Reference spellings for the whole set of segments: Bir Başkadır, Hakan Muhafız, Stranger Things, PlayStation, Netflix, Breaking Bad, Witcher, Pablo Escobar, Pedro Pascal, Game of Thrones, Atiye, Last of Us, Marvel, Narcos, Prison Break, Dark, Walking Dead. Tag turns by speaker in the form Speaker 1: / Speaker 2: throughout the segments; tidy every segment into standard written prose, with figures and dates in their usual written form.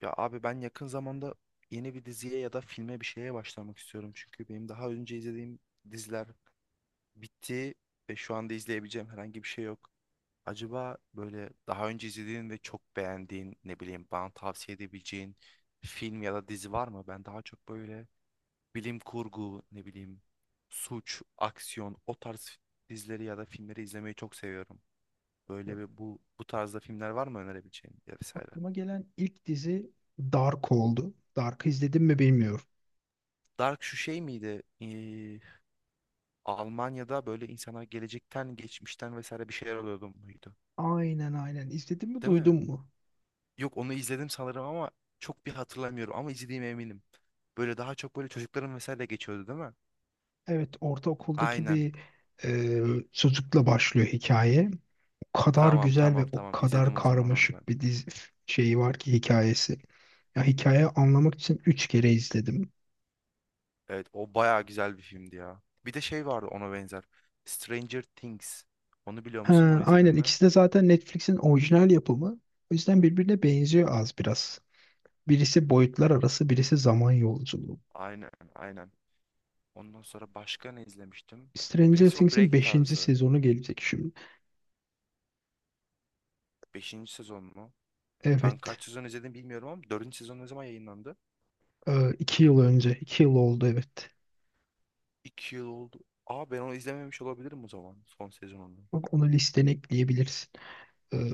Speaker 1: Ya abi ben yakın zamanda yeni bir diziye ya da filme bir şeye başlamak istiyorum. Çünkü benim daha önce izlediğim diziler bitti ve şu anda izleyebileceğim herhangi bir şey yok. Acaba böyle daha önce izlediğin ve çok beğendiğin ne bileyim bana tavsiye edebileceğin film ya da dizi var mı? Ben daha çok böyle bilim kurgu ne bileyim suç, aksiyon o tarz dizileri ya da filmleri izlemeyi çok seviyorum.
Speaker 2: Ya,
Speaker 1: Böyle bir bu tarzda filmler var mı önerebileceğin ya vesaire.
Speaker 2: aklıma gelen ilk dizi Dark oldu. Dark'ı izledim mi bilmiyorum.
Speaker 1: Dark şu şey miydi? Almanya'da böyle insanlar gelecekten, geçmişten vesaire bir şeyler oluyordu muydu?
Speaker 2: Aynen, aynen. İzledin mi,
Speaker 1: Değil mi?
Speaker 2: duydun mu?
Speaker 1: Yok onu izledim sanırım ama çok bir hatırlamıyorum ama izlediğime eminim. Böyle daha çok böyle çocukların vesaire geçiyordu değil mi?
Speaker 2: Evet, ortaokuldaki
Speaker 1: Aynen.
Speaker 2: bir e, çocukla başlıyor hikaye. O kadar
Speaker 1: Tamam
Speaker 2: güzel ve
Speaker 1: tamam
Speaker 2: o
Speaker 1: tamam
Speaker 2: kadar
Speaker 1: izledim o zaman onu ben.
Speaker 2: karmaşık bir dizi şeyi var ki hikayesi. Ya, hikayeyi anlamak için 3 kere izledim.
Speaker 1: Evet o bayağı güzel bir filmdi ya. Bir de şey vardı ona benzer. Stranger Things. Onu biliyor musun?
Speaker 2: Ha,
Speaker 1: Onu izledin
Speaker 2: aynen,
Speaker 1: mi?
Speaker 2: ikisi de zaten Netflix'in orijinal yapımı. O yüzden birbirine benziyor az biraz. Birisi boyutlar arası, birisi zaman yolculuğu.
Speaker 1: Aynen aynen. Ondan sonra başka ne izlemiştim?
Speaker 2: Stranger
Speaker 1: Prison
Speaker 2: Things'in
Speaker 1: Break
Speaker 2: beşinci
Speaker 1: tarzı.
Speaker 2: sezonu gelecek şimdi.
Speaker 1: Beşinci sezon mu? Ben
Speaker 2: Evet.
Speaker 1: kaç sezon izledim bilmiyorum ama dördüncü sezon ne zaman yayınlandı?
Speaker 2: İki yıl önce. İki yıl oldu, evet.
Speaker 1: İki yıl oldu. Aa ben onu izlememiş olabilirim o zaman son sezonunu.
Speaker 2: Bak, onu listene ekleyebilirsin.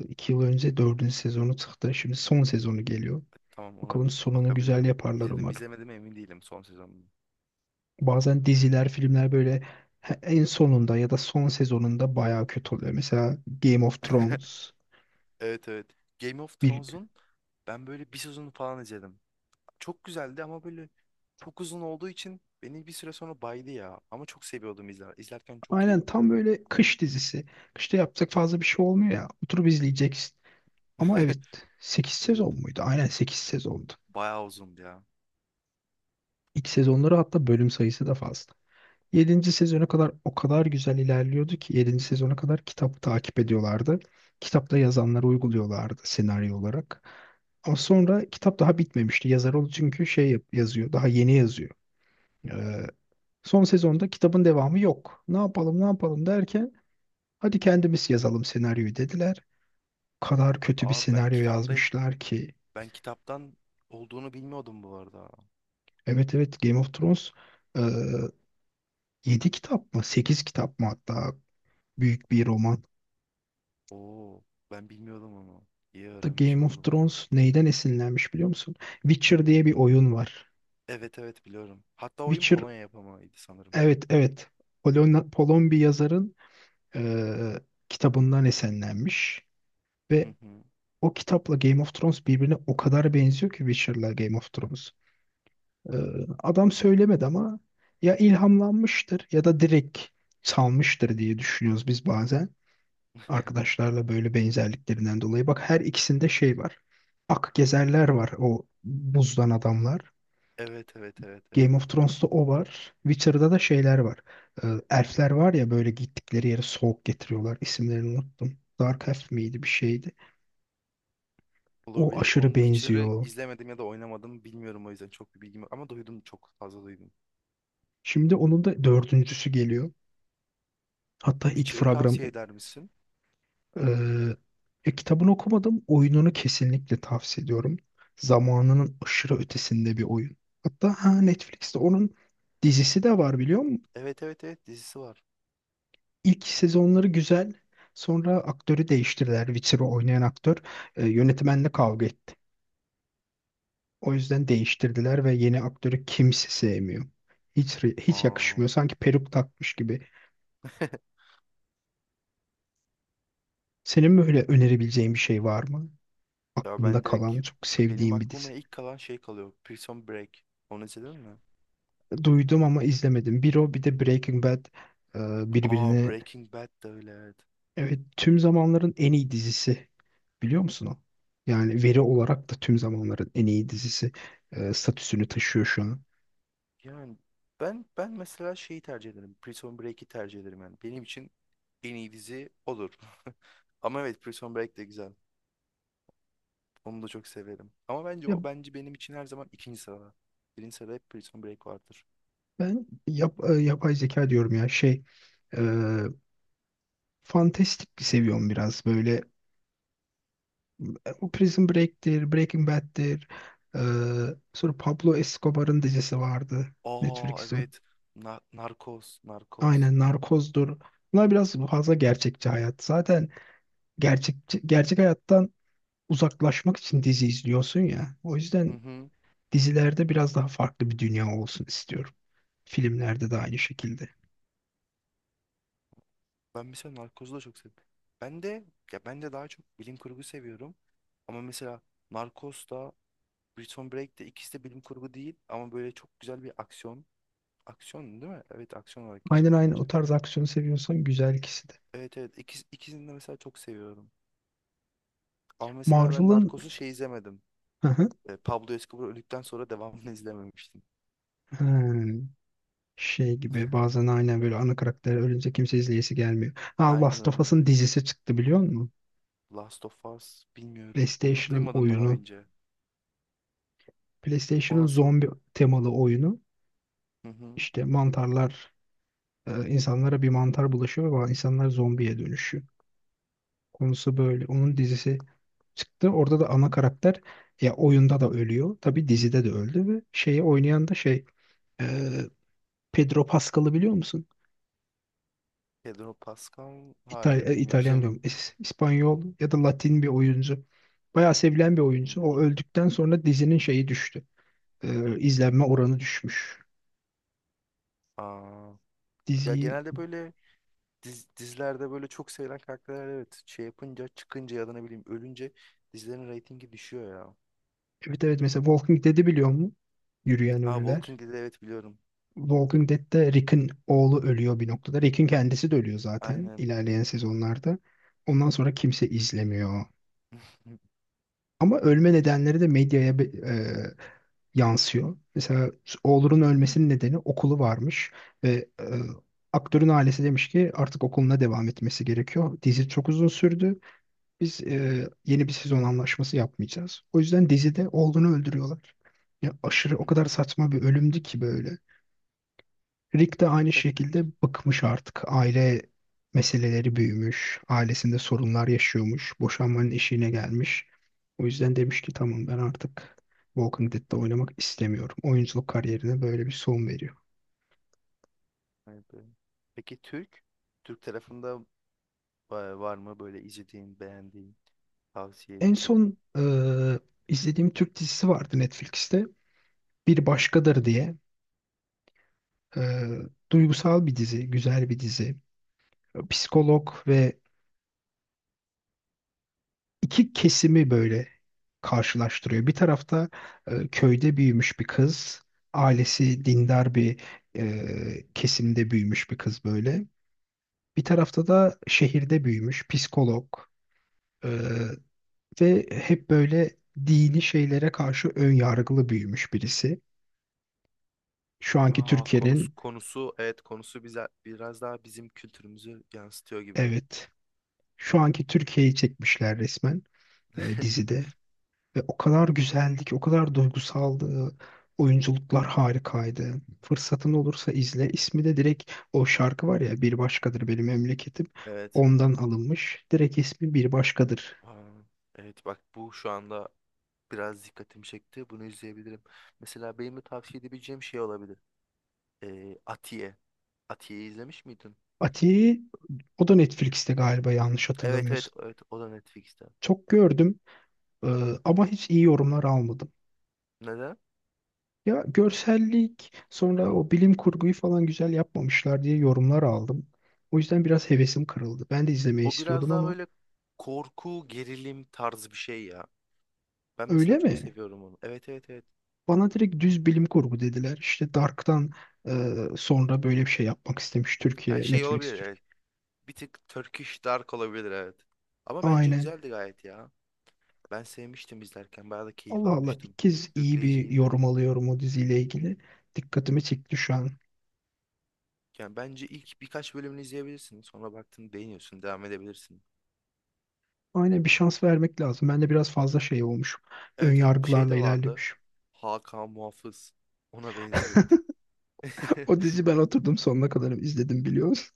Speaker 2: 2 yıl önce dördüncü sezonu çıktı. Şimdi son sezonu geliyor.
Speaker 1: Tamam ona
Speaker 2: Bakalım,
Speaker 1: bir
Speaker 2: sonunu güzel
Speaker 1: bakabilirim.
Speaker 2: yaparlar
Speaker 1: İzledim mi,
Speaker 2: umarım.
Speaker 1: izlemedim mi emin değilim son sezonunu.
Speaker 2: Bazen diziler, filmler böyle en sonunda ya da son sezonunda bayağı kötü oluyor. Mesela Game of Thrones.
Speaker 1: Evet evet. Game of
Speaker 2: Bir,
Speaker 1: Thrones'un ben böyle bir sezonu falan izledim. Çok güzeldi ama böyle çok uzun olduğu için beni bir süre sonra baydı ya. Ama çok seviyordum izler. İzlerken çok keyif
Speaker 2: aynen, tam
Speaker 1: alıyordum.
Speaker 2: böyle kış dizisi. Kışta yapacak fazla bir şey olmuyor ya. Oturup izleyeceksin. Ama evet, 8
Speaker 1: Evet.
Speaker 2: sezon muydu? Aynen, 8 sezon.
Speaker 1: Bayağı uzundu ya.
Speaker 2: İlk sezonları hatta bölüm sayısı da fazla. Yedinci sezona kadar o kadar güzel ilerliyordu ki, yedinci sezona kadar kitabı takip ediyorlardı. Kitapta yazanları uyguluyorlardı senaryo olarak. Ama sonra kitap daha bitmemişti. Yazar ol çünkü yazıyor, daha yeni yazıyor. Ee, Son sezonda kitabın devamı yok. Ne yapalım, ne yapalım derken, hadi kendimiz yazalım senaryoyu dediler. O kadar kötü bir
Speaker 1: Aa ben
Speaker 2: senaryo
Speaker 1: kitapta
Speaker 2: yazmışlar ki.
Speaker 1: ben kitaptan olduğunu bilmiyordum bu arada.
Speaker 2: Evet evet, Game of Thrones e, 7 kitap mı, 8 kitap mı hatta. Büyük bir roman.
Speaker 1: Oo, ben bilmiyordum onu. İyi
Speaker 2: The
Speaker 1: öğrenmiş
Speaker 2: Game of
Speaker 1: oldum.
Speaker 2: Thrones neyden esinlenmiş biliyor musun? Witcher diye bir
Speaker 1: Neydi?
Speaker 2: oyun var.
Speaker 1: Evet evet biliyorum. Hatta oyun
Speaker 2: Witcher,
Speaker 1: Polonya yapamaydı sanırım.
Speaker 2: evet evet, Polon bir yazarın eee, kitabından esinlenmiş
Speaker 1: Hı
Speaker 2: ve
Speaker 1: hı.
Speaker 2: o kitapla Game of Thrones birbirine o kadar benziyor ki, Witcher'la Game of Thrones. Adam söylemedi ama ya ilhamlanmıştır ya da direkt salmıştır diye düşünüyoruz biz bazen. Arkadaşlarla böyle benzerliklerinden dolayı. Bak, her ikisinde şey var. Ak gezerler var, o buzdan adamlar.
Speaker 1: Evet evet evet evet.
Speaker 2: Game of Thrones'ta o var. Witcher'da da şeyler var. Elfler var ya, böyle gittikleri yere soğuk getiriyorlar. İsimlerini unuttum. Dark Elf miydi, bir şeydi. O
Speaker 1: Olabilir.
Speaker 2: aşırı
Speaker 1: Onun Witcher'ı
Speaker 2: benziyor.
Speaker 1: izlemedim ya da oynamadım bilmiyorum o yüzden çok bir bilgim yok. Ama duydum çok fazla duydum.
Speaker 2: Şimdi onun da dördüncüsü geliyor. Hatta ilk
Speaker 1: Witcher'ı
Speaker 2: fragman.
Speaker 1: tavsiye eder misin?
Speaker 2: Ee, Ya, kitabını okumadım. Oyununu kesinlikle tavsiye ediyorum. Zamanının aşırı ötesinde bir oyun. Hatta Netflix'te onun dizisi de var biliyor musun?
Speaker 1: Evet evet evet dizisi var.
Speaker 2: İlk sezonları güzel. Sonra aktörü değiştirdiler. Witcher'ı oynayan aktör yönetmenle kavga etti. O yüzden değiştirdiler ve yeni aktörü kimse sevmiyor. Hiç
Speaker 1: Aa.
Speaker 2: yakışmıyor. Sanki peruk takmış gibi. Senin böyle önerebileceğin bir şey var mı?
Speaker 1: Ya
Speaker 2: Aklında
Speaker 1: ben direkt
Speaker 2: kalan çok
Speaker 1: benim
Speaker 2: sevdiğin bir
Speaker 1: aklıma
Speaker 2: dizi.
Speaker 1: ilk kalan şey kalıyor. Prison Break. Onu izledin mi?
Speaker 2: Duydum ama izlemedim. Bir o, bir de Breaking Bad
Speaker 1: Aa
Speaker 2: birbirine,
Speaker 1: Breaking Bad de öyle. Evet.
Speaker 2: evet, tüm zamanların en iyi dizisi, biliyor musun o? Yani veri olarak da tüm zamanların en iyi dizisi statüsünü taşıyor şu an.
Speaker 1: Yani ben mesela şeyi tercih ederim. Prison Break'i tercih ederim yani. Benim için en iyi dizi olur. Ama evet Prison Break de güzel. Onu da çok severim. Ama bence
Speaker 2: Ya
Speaker 1: o bence benim için her zaman ikinci sırada. Birinci sırada hep Prison Break vardır.
Speaker 2: yapay zeka diyorum ya, şey, e, fantastik seviyorum biraz böyle. E, o Prison Break'tir, Breaking Bad'tir. E, Sonra Pablo Escobar'ın dizisi vardı,
Speaker 1: Aa
Speaker 2: Netflix'in.
Speaker 1: evet. Narcos, Narcos.
Speaker 2: Aynen, Narcoz'dur. Bunlar biraz fazla gerçekçi hayat. Zaten gerçek gerçek hayattan uzaklaşmak için dizi izliyorsun ya. O
Speaker 1: Hı
Speaker 2: yüzden
Speaker 1: hı.
Speaker 2: dizilerde biraz daha farklı bir dünya olsun istiyorum. Filmlerde de aynı şekilde.
Speaker 1: Ben mesela Narcos'u da çok seviyorum. Ben de ya ben de daha çok bilim kurgu seviyorum. Ama mesela Narcos da Prison Break de ikisi de bilim kurgu değil ama böyle çok güzel bir aksiyon. Aksiyon değil mi? Evet aksiyon olarak
Speaker 2: Aynen,
Speaker 1: geçer
Speaker 2: aynen, o
Speaker 1: bence.
Speaker 2: tarz aksiyonu seviyorsan güzel, ikisi de.
Speaker 1: Evet evet ikisini de mesela çok seviyorum. Ama mesela ben
Speaker 2: Marvel'ın.
Speaker 1: Narcos'u şey izlemedim.
Speaker 2: Hı hı.
Speaker 1: Pablo Escobar öldükten sonra devamını izlememiştim.
Speaker 2: Hmm. Şey gibi, bazen aynen böyle ana karakter ölünce kimse izleyesi gelmiyor. Ha,
Speaker 1: Aynen
Speaker 2: Last of
Speaker 1: aynen.
Speaker 2: Us'ın dizisi çıktı biliyor musun?
Speaker 1: Last of Us bilmiyorum. Onu da
Speaker 2: PlayStation'ın
Speaker 1: duymadım daha
Speaker 2: oyunu.
Speaker 1: önce. O
Speaker 2: PlayStation'ın
Speaker 1: nasıl?
Speaker 2: zombi temalı oyunu,
Speaker 1: Hı hı.
Speaker 2: işte mantarlar, insanlara bir mantar bulaşıyor ve insanlar zombiye dönüşüyor. Konusu böyle. Onun dizisi çıktı. Orada da ana karakter, ya oyunda da ölüyor. Tabii dizide de öldü ve şeyi oynayan da şey, e, Pedro Pascal'ı biliyor musun?
Speaker 1: Pedro Pascal? Hayır
Speaker 2: İtalyan
Speaker 1: bilmiyorum.
Speaker 2: diyorum. İspanyol ya da Latin bir oyuncu. Bayağı sevilen bir
Speaker 1: Yok
Speaker 2: oyuncu. O
Speaker 1: bilmiyorum.
Speaker 2: öldükten sonra dizinin şeyi düştü. İzlenme oranı düşmüş.
Speaker 1: Aa, ya
Speaker 2: Diziyi.
Speaker 1: genelde böyle dizilerde böyle çok sevilen karakterler evet şey yapınca çıkınca ya da ne bileyim ölünce dizilerin reytingi düşüyor ya.
Speaker 2: Evet evet, mesela Walking Dead'i biliyor mu? Yürüyen
Speaker 1: Aa
Speaker 2: Ölüler.
Speaker 1: Walking Dead evet biliyorum.
Speaker 2: Walking Dead'te Rick'in oğlu ölüyor bir noktada. Rick'in kendisi de ölüyor zaten
Speaker 1: Aynen.
Speaker 2: ilerleyen sezonlarda. Ondan sonra kimse izlemiyor. Ama
Speaker 1: Evet.
Speaker 2: ölme nedenleri de medyaya yansıyor. Mesela oğlunun ölmesinin nedeni okulu varmış ve aktörün ailesi demiş ki artık okuluna devam etmesi gerekiyor. Dizi çok uzun sürdü. Biz yeni bir sezon anlaşması yapmayacağız. O yüzden dizide oğlunu öldürüyorlar. Ya, aşırı, o kadar saçma bir ölümdü ki böyle. Rick de aynı şekilde bıkmış artık. Aile meseleleri büyümüş. Ailesinde sorunlar yaşıyormuş. Boşanmanın eşiğine gelmiş. O yüzden demiş ki tamam, ben artık Walking Dead'de oynamak istemiyorum. Oyunculuk kariyerine böyle bir son veriyor.
Speaker 1: Evet, evet. Peki Türk? Türk tarafında var mı böyle izlediğin, beğendiğin, tavsiye
Speaker 2: En
Speaker 1: ettiğin?
Speaker 2: son izlediğim Türk dizisi vardı Netflix'te. Bir Başkadır diye. E, Duygusal bir dizi, güzel bir dizi. Psikolog ve iki kesimi böyle karşılaştırıyor. Bir tarafta köyde büyümüş bir kız, ailesi dindar bir e, kesimde büyümüş bir kız böyle. Bir tarafta da şehirde büyümüş psikolog e, ve hep böyle dini şeylere karşı ön yargılı büyümüş birisi. Şu anki
Speaker 1: Aa konusu
Speaker 2: Türkiye'nin,
Speaker 1: konusu evet konusu bize biraz daha bizim kültürümüzü yansıtıyor gibi.
Speaker 2: evet, şu anki Türkiye'yi çekmişler resmen dizide. Ve o kadar güzeldi ki, o kadar duygusaldı. Oyunculuklar harikaydı. Fırsatın olursa izle. İsmi de direkt o şarkı var ya, Bir Başkadır Benim Memleketim.
Speaker 1: Evet.
Speaker 2: Ondan alınmış. Direkt ismi Bir Başkadır.
Speaker 1: Aa, evet bak bu şu anda biraz dikkatimi çekti. Bunu izleyebilirim. Mesela benim de tavsiye edebileceğim şey olabilir. Atiye. Atiye'yi izlemiş miydin?
Speaker 2: Ati, o da Netflix'te galiba, yanlış
Speaker 1: Evet evet
Speaker 2: hatırlamıyorsun.
Speaker 1: evet o da Netflix'te.
Speaker 2: Çok gördüm e, ama hiç iyi yorumlar almadım.
Speaker 1: Neden?
Speaker 2: Ya görsellik, sonra o bilim kurguyu falan güzel yapmamışlar diye yorumlar aldım. O yüzden biraz hevesim kırıldı. Ben de izlemeyi
Speaker 1: O biraz
Speaker 2: istiyordum
Speaker 1: daha
Speaker 2: ama,
Speaker 1: böyle korku, gerilim tarzı bir şey ya. Ben
Speaker 2: öyle
Speaker 1: mesela çok
Speaker 2: mi?
Speaker 1: seviyorum onu. Evet evet evet.
Speaker 2: Bana direkt düz bilim kurgu dediler. İşte Dark'tan sonra böyle bir şey yapmak istemiş
Speaker 1: Her
Speaker 2: Türkiye,
Speaker 1: şey
Speaker 2: Netflix
Speaker 1: olabilir
Speaker 2: Türk.
Speaker 1: evet. Bir tık Turkish Dark olabilir evet. Ama bence
Speaker 2: Aynen.
Speaker 1: güzeldi gayet ya. Ben sevmiştim izlerken. Bayağı da keyif
Speaker 2: Allah Allah,
Speaker 1: almıştım.
Speaker 2: ilk kez iyi bir
Speaker 1: Sürükleyiciydi de.
Speaker 2: yorum alıyorum o diziyle ilgili. Dikkatimi çekti şu an.
Speaker 1: Yani bence ilk birkaç bölümünü izleyebilirsin. Sonra baktın beğeniyorsun. Devam edebilirsin.
Speaker 2: Aynen, bir şans vermek lazım. Ben de biraz fazla şey olmuş. Ön
Speaker 1: Evet evet bir şey
Speaker 2: yargılarla
Speaker 1: de vardı.
Speaker 2: ilerlemiş.
Speaker 1: Hakan Muhafız. Ona benziyor bir tık.
Speaker 2: O dizi ben oturdum sonuna kadar izledim, biliyorsun.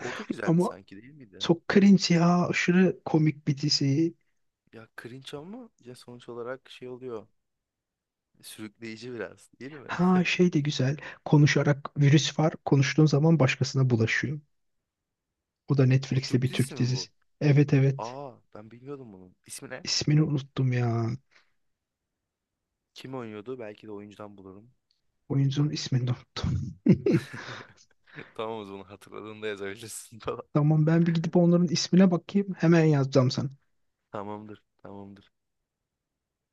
Speaker 1: O da güzeldi
Speaker 2: Ama
Speaker 1: sanki değil miydi?
Speaker 2: çok cringe ya. Aşırı komik bir dizi.
Speaker 1: Ya cringe ama ya sonuç olarak şey oluyor. Sürükleyici biraz değil mi?
Speaker 2: Ha, şey de güzel. Konuşarak virüs var. Konuştuğun zaman başkasına bulaşıyor. O da
Speaker 1: O
Speaker 2: Netflix'te
Speaker 1: Türk
Speaker 2: bir
Speaker 1: dizisi
Speaker 2: Türk
Speaker 1: mi
Speaker 2: dizisi.
Speaker 1: bu?
Speaker 2: Evet evet.
Speaker 1: Aa ben bilmiyordum bunu. İsmi ne?
Speaker 2: İsmini unuttum ya.
Speaker 1: Kim oynuyordu? Belki de oyuncudan bulurum.
Speaker 2: Oyuncunun ismini de unuttum.
Speaker 1: Tamam o zaman hatırladığında yazabilirsin falan.
Speaker 2: Tamam, ben bir gidip onların ismine bakayım. Hemen yazacağım sana.
Speaker 1: Tamamdır, tamamdır.